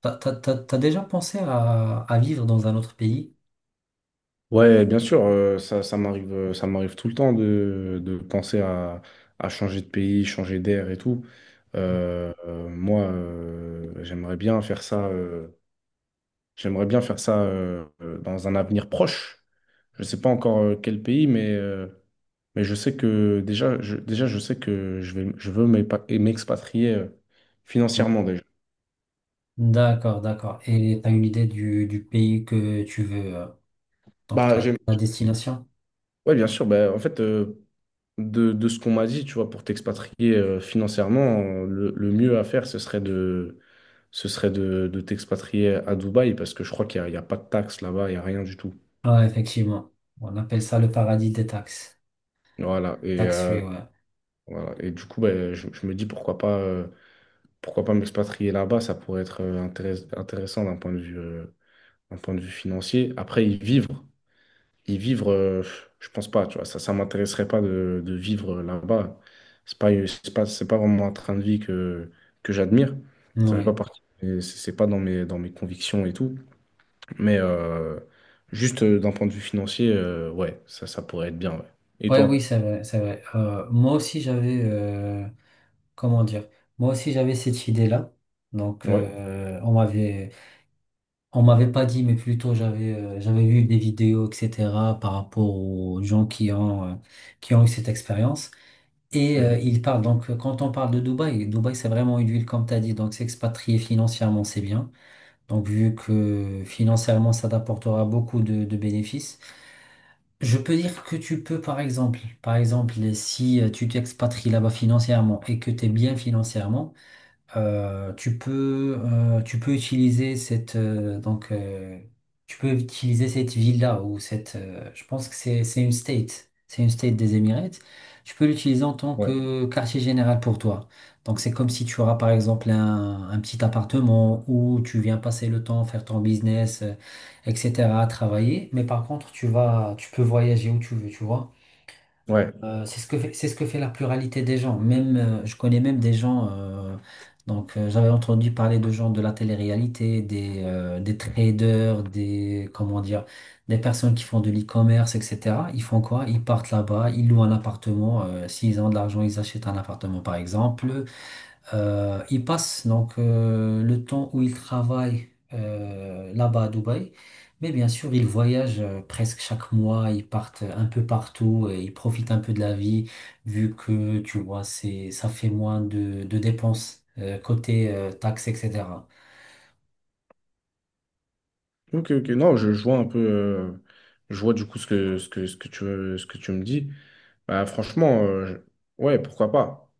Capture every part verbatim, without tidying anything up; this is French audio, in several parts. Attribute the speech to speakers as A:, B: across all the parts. A: T'as, t'as- t'as- t'as déjà pensé à, à vivre dans un autre pays?
B: Ouais, bien sûr, euh, ça, ça m'arrive, euh, ça m'arrive tout le temps de, de penser à, à changer de pays, changer d'air et tout. Euh, euh, moi, euh, j'aimerais bien faire ça, euh, j'aimerais bien faire ça euh, euh, dans un avenir proche. Je ne sais pas encore euh, quel pays, mais, euh, mais je sais que déjà, je, déjà, je sais que je vais, je veux m'épa- m'expatrier euh,
A: Non.
B: financièrement déjà.
A: D'accord, d'accord. Et t'as une idée du, du pays que tu veux, euh, donc
B: Bah,
A: ta,
B: j'aime-
A: ta destination?
B: ouais, bien sûr. Bah, en fait, euh, de, de ce qu'on m'a dit, tu vois, pour t'expatrier euh, financièrement, euh, le, le mieux à faire, ce serait de, ce serait de, de t'expatrier à Dubaï parce que je crois qu'il n'y a, il y a pas de taxes là-bas, il n'y a rien du tout.
A: Ah, effectivement. On appelle ça le paradis des taxes.
B: Voilà. Et,
A: Tax free,
B: euh,
A: ouais.
B: voilà. Et du coup, ben, je, je me dis pourquoi pas, euh, pourquoi pas m'expatrier là-bas, ça pourrait être euh, intéress- intéressant d'un point de vue, euh, d'un point de vue financier. Après, y vivre. Et vivre, euh, je pense pas, tu vois, ça, ça m'intéresserait pas de, de vivre là-bas. C'est pas, c'est pas, c'est pas vraiment un train de vie que, que j'admire. Ça fait pas
A: Ouais.
B: partie, et c'est c'est pas dans mes, dans mes convictions et tout. Mais euh, juste euh, d'un point de vue financier, euh, ouais, ça, ça pourrait être bien, ouais. Et
A: Ouais, oui,
B: toi?
A: c'est vrai, c'est vrai. Euh, moi aussi, j'avais, euh, comment dire? Moi aussi, j'avais cette idée-là. Donc,
B: Ouais.
A: euh, on m'avait on m'avait pas dit, mais plutôt j'avais euh, j'avais vu des vidéos, et cetera, par rapport aux gens qui ont, euh, qui ont eu cette expérience. Et euh,
B: Mhm.
A: il parle, donc euh, Quand on parle de Dubaï, Dubaï c'est vraiment une ville comme tu as dit, donc s'expatrier financièrement c'est bien. Donc vu que financièrement ça t'apportera beaucoup de, de bénéfices, je peux dire que tu peux par exemple, par exemple si euh, tu t'expatries là-bas financièrement et que tu es bien financièrement, euh, tu peux, euh, tu peux utiliser cette, euh, donc, euh, tu peux utiliser cette villa ou cette, euh, je pense que c'est, c'est une state, c'est une state des Émirats. Tu peux l'utiliser en tant
B: Ouais.
A: que quartier général pour toi. Donc, c'est comme si tu auras par exemple un, un petit appartement où tu viens passer le temps, faire ton business, euh, et cetera, travailler. Mais par contre, tu vas, tu peux voyager où tu veux, tu vois.
B: Ouais.
A: Euh, c'est ce que fait, c'est ce que fait la pluralité des gens. Même, euh, je connais même des gens. Euh, donc, euh, j'avais entendu parler de gens de la télé-réalité, des, euh, des traders, des comment dire, des personnes qui font de l'e-commerce, et cetera. Ils font quoi? Ils partent là-bas, ils louent un appartement. Euh, s'ils ont de l'argent, ils achètent un appartement, par exemple. Euh, il passe donc euh, le temps où il travaille euh, là-bas à Dubaï, mais bien sûr, il voyage euh, presque chaque mois, ils partent un peu partout et ils profitent un peu de la vie, vu que tu vois, c'est, ça fait moins de, de dépenses euh, côté euh, taxes, et cetera.
B: Ok, ok. Non, je, je vois un peu, euh, je vois du coup ce que, ce que, ce que tu, ce que tu me dis. Bah, franchement, euh, je- ouais, pourquoi pas?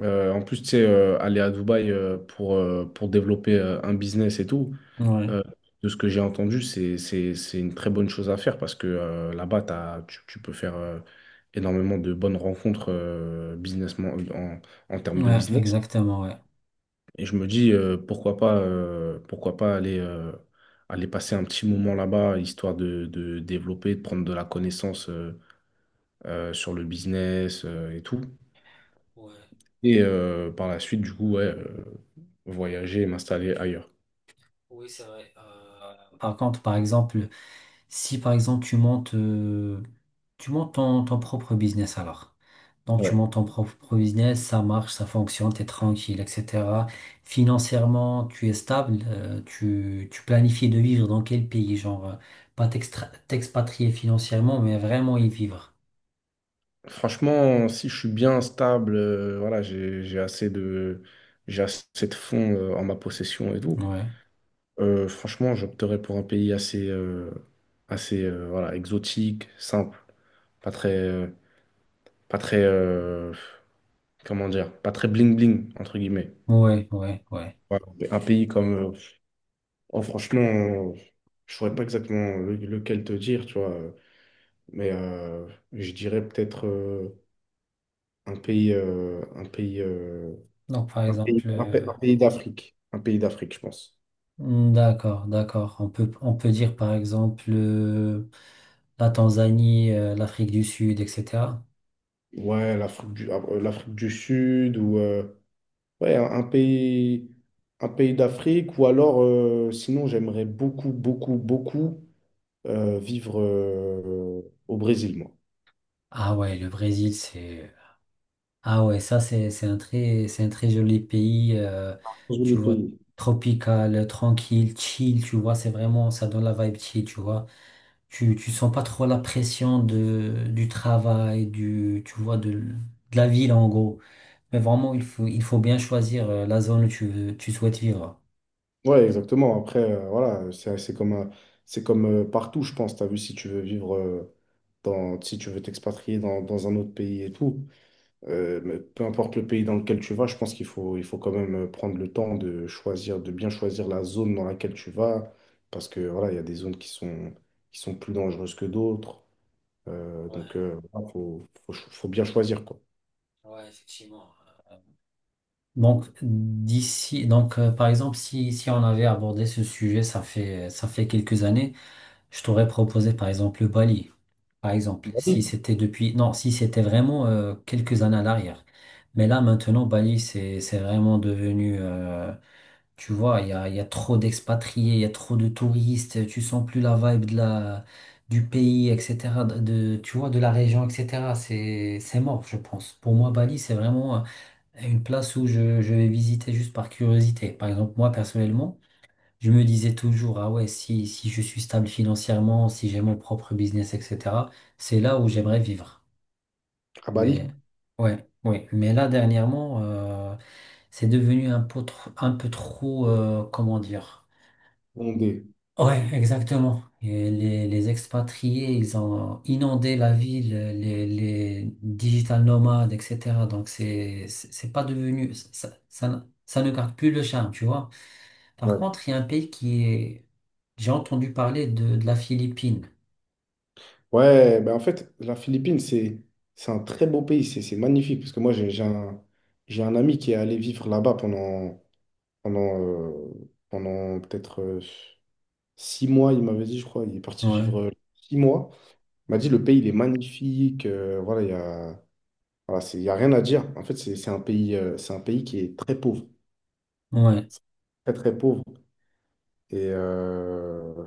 B: Euh, en plus, tu sais, euh, aller à Dubaï euh, pour, euh, pour développer euh, un business et tout,
A: Ouais,
B: euh, de ce que j'ai entendu, c'est, c'est, c'est une très bonne chose à faire parce que euh, là-bas, t'as- tu, tu peux faire euh, énormément de bonnes rencontres euh, business, en, en termes de
A: ouais,
B: business.
A: exactement, ouais.
B: Et je me dis, euh, pourquoi pas, euh, pourquoi pas aller, euh, aller passer un petit moment là-bas, histoire de, de développer, de prendre de la connaissance euh, euh, sur le business euh, et tout. Et euh, par la suite, du coup, ouais, euh, voyager et m'installer ailleurs.
A: Par contre, par exemple, si par exemple tu montes, euh, tu montes ton, ton propre business alors. Donc tu montes
B: Ouais.
A: ton propre business, ça marche, ça fonctionne, t'es tranquille, et cetera. Financièrement, tu es stable, euh, tu, tu planifies de vivre dans quel pays, genre euh, pas t'extra- t'expatrier financièrement, mais vraiment y vivre.
B: Franchement, si je suis bien stable, euh, voilà, j'ai, j'ai assez de, j'ai assez de fonds euh, en ma possession et tout.
A: Ouais,
B: euh, franchement, j'opterais pour un pays assez, euh, assez euh, voilà, exotique, simple, pas très, euh, pas très, euh, comment dire, pas très bling bling entre guillemets.
A: ouais, ouais, ouais.
B: Ouais, Un pays comme, euh, oh, franchement, euh, je saurais pas exactement le- lequel te dire, tu vois. euh, Mais euh, je dirais peut-être euh, un pays, euh, un pays, euh,
A: Donc par
B: un pays,
A: exemple,
B: un pa-
A: euh,
B: un pays d'Afrique. Un pays d'Afrique, je pense.
A: d'accord, d'accord. On peut, on peut dire par exemple euh, la Tanzanie, euh, l'Afrique du Sud, et cetera.
B: Ouais, l'Afrique du, ah, euh, l'Afrique du Sud ou euh, ouais, un, un pays, un pays d'Afrique. Ou alors, euh, sinon, j'aimerais beaucoup, beaucoup, beaucoup euh, vivre euh, au Brésil, moi.
A: Ah ouais, le Brésil, c'est... Ah ouais, ça, c'est, c'est un très, c'est un très joli pays, euh,
B: Joli
A: tu vois,
B: pays.
A: tropical, tranquille, chill, tu vois, c'est vraiment, ça donne la vibe chill, tu vois. Tu, tu sens pas trop la pression de, du travail, du, tu vois, de, de la ville, en gros. Mais vraiment, il faut, il faut bien choisir euh, la zone où tu veux, tu souhaites vivre.
B: Ouais, exactement. Après, euh, voilà, c'est c'est comme, un- c'est comme euh, partout, je pense. Tu as vu, si tu veux vivre, euh, dans, si tu veux t'expatrier dans, dans un autre pays et tout, euh, mais peu importe le pays dans lequel tu vas, je pense qu'il faut, il faut quand même euh, prendre le temps de choisir, de bien choisir la zone dans laquelle tu vas, parce que voilà, il y a des zones qui sont, qui sont plus dangereuses que d'autres. Euh, donc, il faut, faut, cho- faut bien choisir, quoi.
A: Donc, d'ici, donc, euh, par exemple, si, si on avait abordé ce sujet, ça fait, ça fait quelques années, je t'aurais proposé, par exemple, le Bali. Par exemple, si
B: Bali.
A: c'était depuis, non, si c'était vraiment euh, quelques années à l'arrière. Mais là, maintenant, Bali, c'est, c'est vraiment devenu, euh, tu vois, il y a, il y a trop d'expatriés, il y a trop de touristes, tu sens plus la vibe de la, du pays, et cetera, de, de- tu vois, de la région, et cetera. C'est, c'est mort, je pense. Pour moi, Bali, c'est vraiment euh, une place où je, je vais visiter juste par curiosité. Par exemple, moi, personnellement, je me disais toujours, ah ouais, si, si je suis stable financièrement, si j'ai mon propre business, et cetera, c'est là où j'aimerais vivre.
B: À Bali,
A: Mais ouais, ouais. Mais là, dernièrement, euh, c'est devenu un peu, tr- un peu trop, euh, comment dire?
B: Bondé.
A: Ouais, exactement. Et les, les expatriés, ils ont inondé la ville, les, les digital nomades, et cetera. Donc, c'est, c'est c'est pas devenu, ça, ça, ça ne garde plus le charme, tu vois. Par contre, il y a un pays qui est... J'ai entendu parler de, de la Philippine.
B: Ouais, ben en fait, la Philippine, c'est c'est un très beau pays, c'est c'est magnifique, parce que moi, j'ai j'ai un, j'ai un ami qui est allé vivre là-bas pendant, pendant, euh, pendant peut-être euh, six mois, il m'avait dit, je crois, il est parti
A: Ouais,
B: vivre euh, six mois. Il m'a dit, le pays, il est magnifique, euh, voilà, il y a, voilà, c'est, il y a rien à dire. En fait, c'est c'est un pays, euh, c'est un pays qui est très pauvre,
A: ouais.
B: très, très pauvre. Et euh,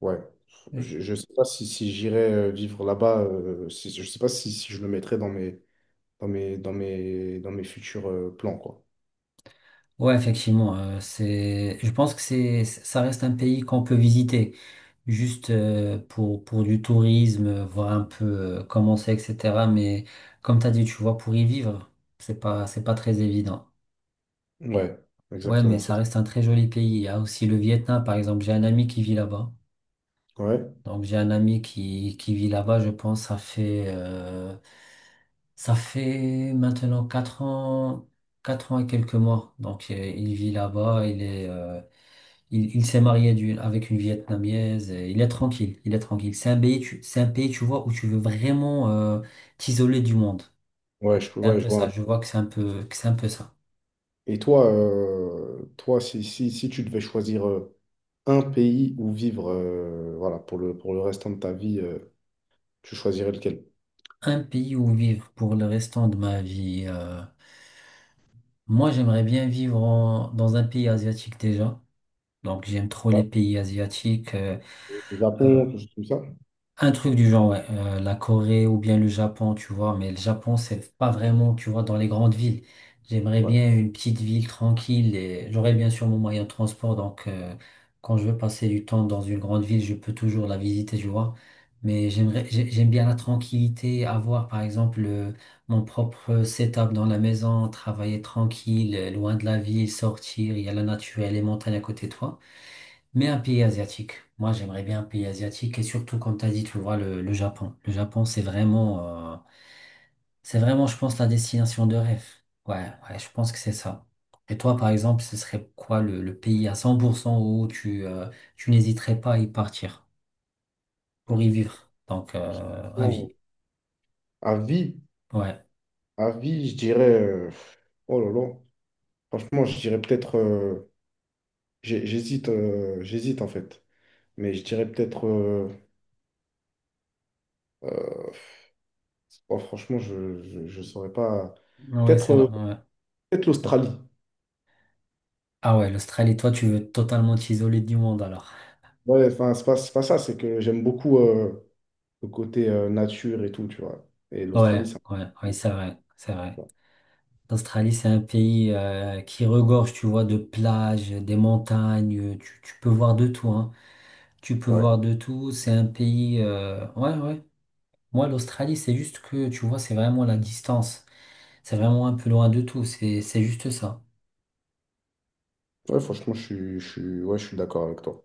B: ouais, je
A: Je-
B: ne sais pas si, si j'irais euh, vivre là-bas, euh, si, je sais pas si, si je le mettrais dans mes dans mes, dans mes, dans mes futurs euh, plans, quoi.
A: Ouais, effectivement, euh, c'est, je pense que c'est, ça reste un pays qu'on peut visiter, juste euh, pour, pour du tourisme, euh, voir un peu euh, comment c'est, et cetera. Mais comme tu as dit, tu vois, pour y vivre, c'est pas, c'est pas très évident.
B: Ouais,
A: Ouais, mais
B: exactement, c'est
A: ça reste un très joli pays. Il y a aussi le Vietnam, par exemple. J'ai un ami qui vit là-bas.
B: ça. Ouais,
A: Donc j'ai un ami qui, qui vit là-bas, je pense, ça fait, euh, ça fait maintenant quatre ans, quatre ans et quelques mois. Donc euh, il vit là-bas, il est, euh, il, il s'est marié d'une- avec une Vietnamienne, et il est tranquille, il est tranquille. C'est un pays, tu, c'est un pays, tu vois, où tu veux vraiment euh, t'isoler du monde.
B: ouais, je,
A: C'est un
B: ouais, je
A: peu
B: vois.
A: ça,
B: un-
A: je vois que c'est un peu, que c'est un peu ça.
B: Et toi, euh, toi, si, si, si tu devais choisir euh, un pays où vivre, euh, voilà, pour le, pour le restant de ta vie, euh, tu choisirais lequel?
A: Un pays où vivre pour le restant de ma vie. Euh, moi, j'aimerais bien vivre en- dans un pays asiatique déjà. Donc j'aime trop les
B: Ouais,
A: pays asiatiques. euh,
B: le
A: euh,
B: Japon, quelque chose comme ça?
A: un truc du genre, ouais, euh, la Corée ou bien le Japon, tu vois. Mais le Japon, c'est pas vraiment, tu vois, dans les grandes villes. J'aimerais
B: Ouais.
A: bien une petite ville tranquille et j'aurais bien sûr mon moyen de transport. Donc euh, quand je veux passer du temps dans une grande ville, je peux toujours la visiter, tu vois. Mais j'aimerais, j'ai- j'aime bien la tranquillité, avoir par exemple euh, mon propre setup dans la maison, travailler tranquille, euh, loin de la ville, sortir, il y a la nature et les montagnes à côté de toi. Mais un pays asiatique. Moi, j'aimerais bien un pays asiatique et surtout, comme tu as dit, tu vois, le, le Japon. Le Japon, c'est vraiment, euh, c'est vraiment, je pense, la destination de rêve. Ouais, ouais, je pense que c'est ça. Et toi, par exemple, ce serait quoi le, le pays à cent pour cent où tu, euh, tu n'hésiterais pas à y partir pour y vivre? Donc, euh, à vie.
B: Franchement, À vie,
A: Ouais,
B: à vie, je dirais, euh, oh là là, franchement, je dirais peut-être, euh, j'ai- j'hésite, euh, j'hésite en fait, mais je dirais peut-être euh, euh, Oh, franchement, je, je, saurais pas.
A: ouais,
B: Peut-être
A: ça va.
B: euh,
A: Ouais.
B: peut-être l'Australie.
A: Ah ouais, l'Australie, toi, tu veux totalement t'isoler du monde alors.
B: Ouais, enfin, c'est pas, c'est pas ça, c'est que j'aime beaucoup euh, le côté euh, nature et tout, tu vois. Et l'Australie,
A: Ouais,
B: ça.
A: ouais, ouais, c'est vrai, c'est vrai. L'Australie, c'est un pays euh, qui regorge, tu vois, de plages, des montagnes, tu, tu peux voir de tout, hein. Tu peux
B: Ouais.
A: voir de tout, c'est un pays... euh, Ouais, ouais. Moi, l'Australie, c'est juste que, tu vois, c'est vraiment la distance. C'est vraiment un peu loin de tout, c'est, c'est juste ça.
B: Ouais, franchement, je suis, je suis, ouais, je suis d'accord avec toi.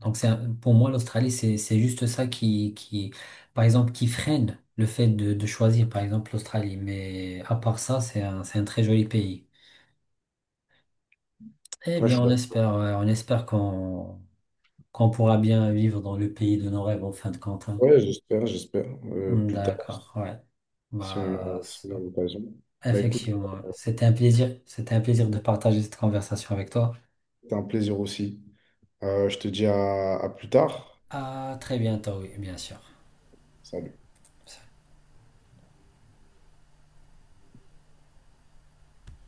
A: Donc, c'est un- pour moi, l'Australie, c'est, c'est juste ça qui, qui, par exemple, qui freine le fait de, de choisir, par exemple, l'Australie. Mais à part ça, c'est un, c'est un très joli pays. Eh
B: Ouais, je
A: bien,
B: suis
A: on
B: d'accord.
A: espère, ouais, on espère qu'on qu'on pourra bien vivre dans le pays de nos rêves en fin de compte, hein.
B: Ouais, j'espère, j'espère. euh, plus tard,
A: D'accord, ouais.
B: si on
A: Bah,
B: a, si on a
A: ça-
B: l'occasion. Bah écoute,
A: effectivement, ouais. C'était un plaisir. C'était un plaisir de partager cette conversation avec toi.
B: c'était un plaisir aussi. Euh, je te dis à à plus tard.
A: À très bientôt, oui, bien sûr.
B: Salut.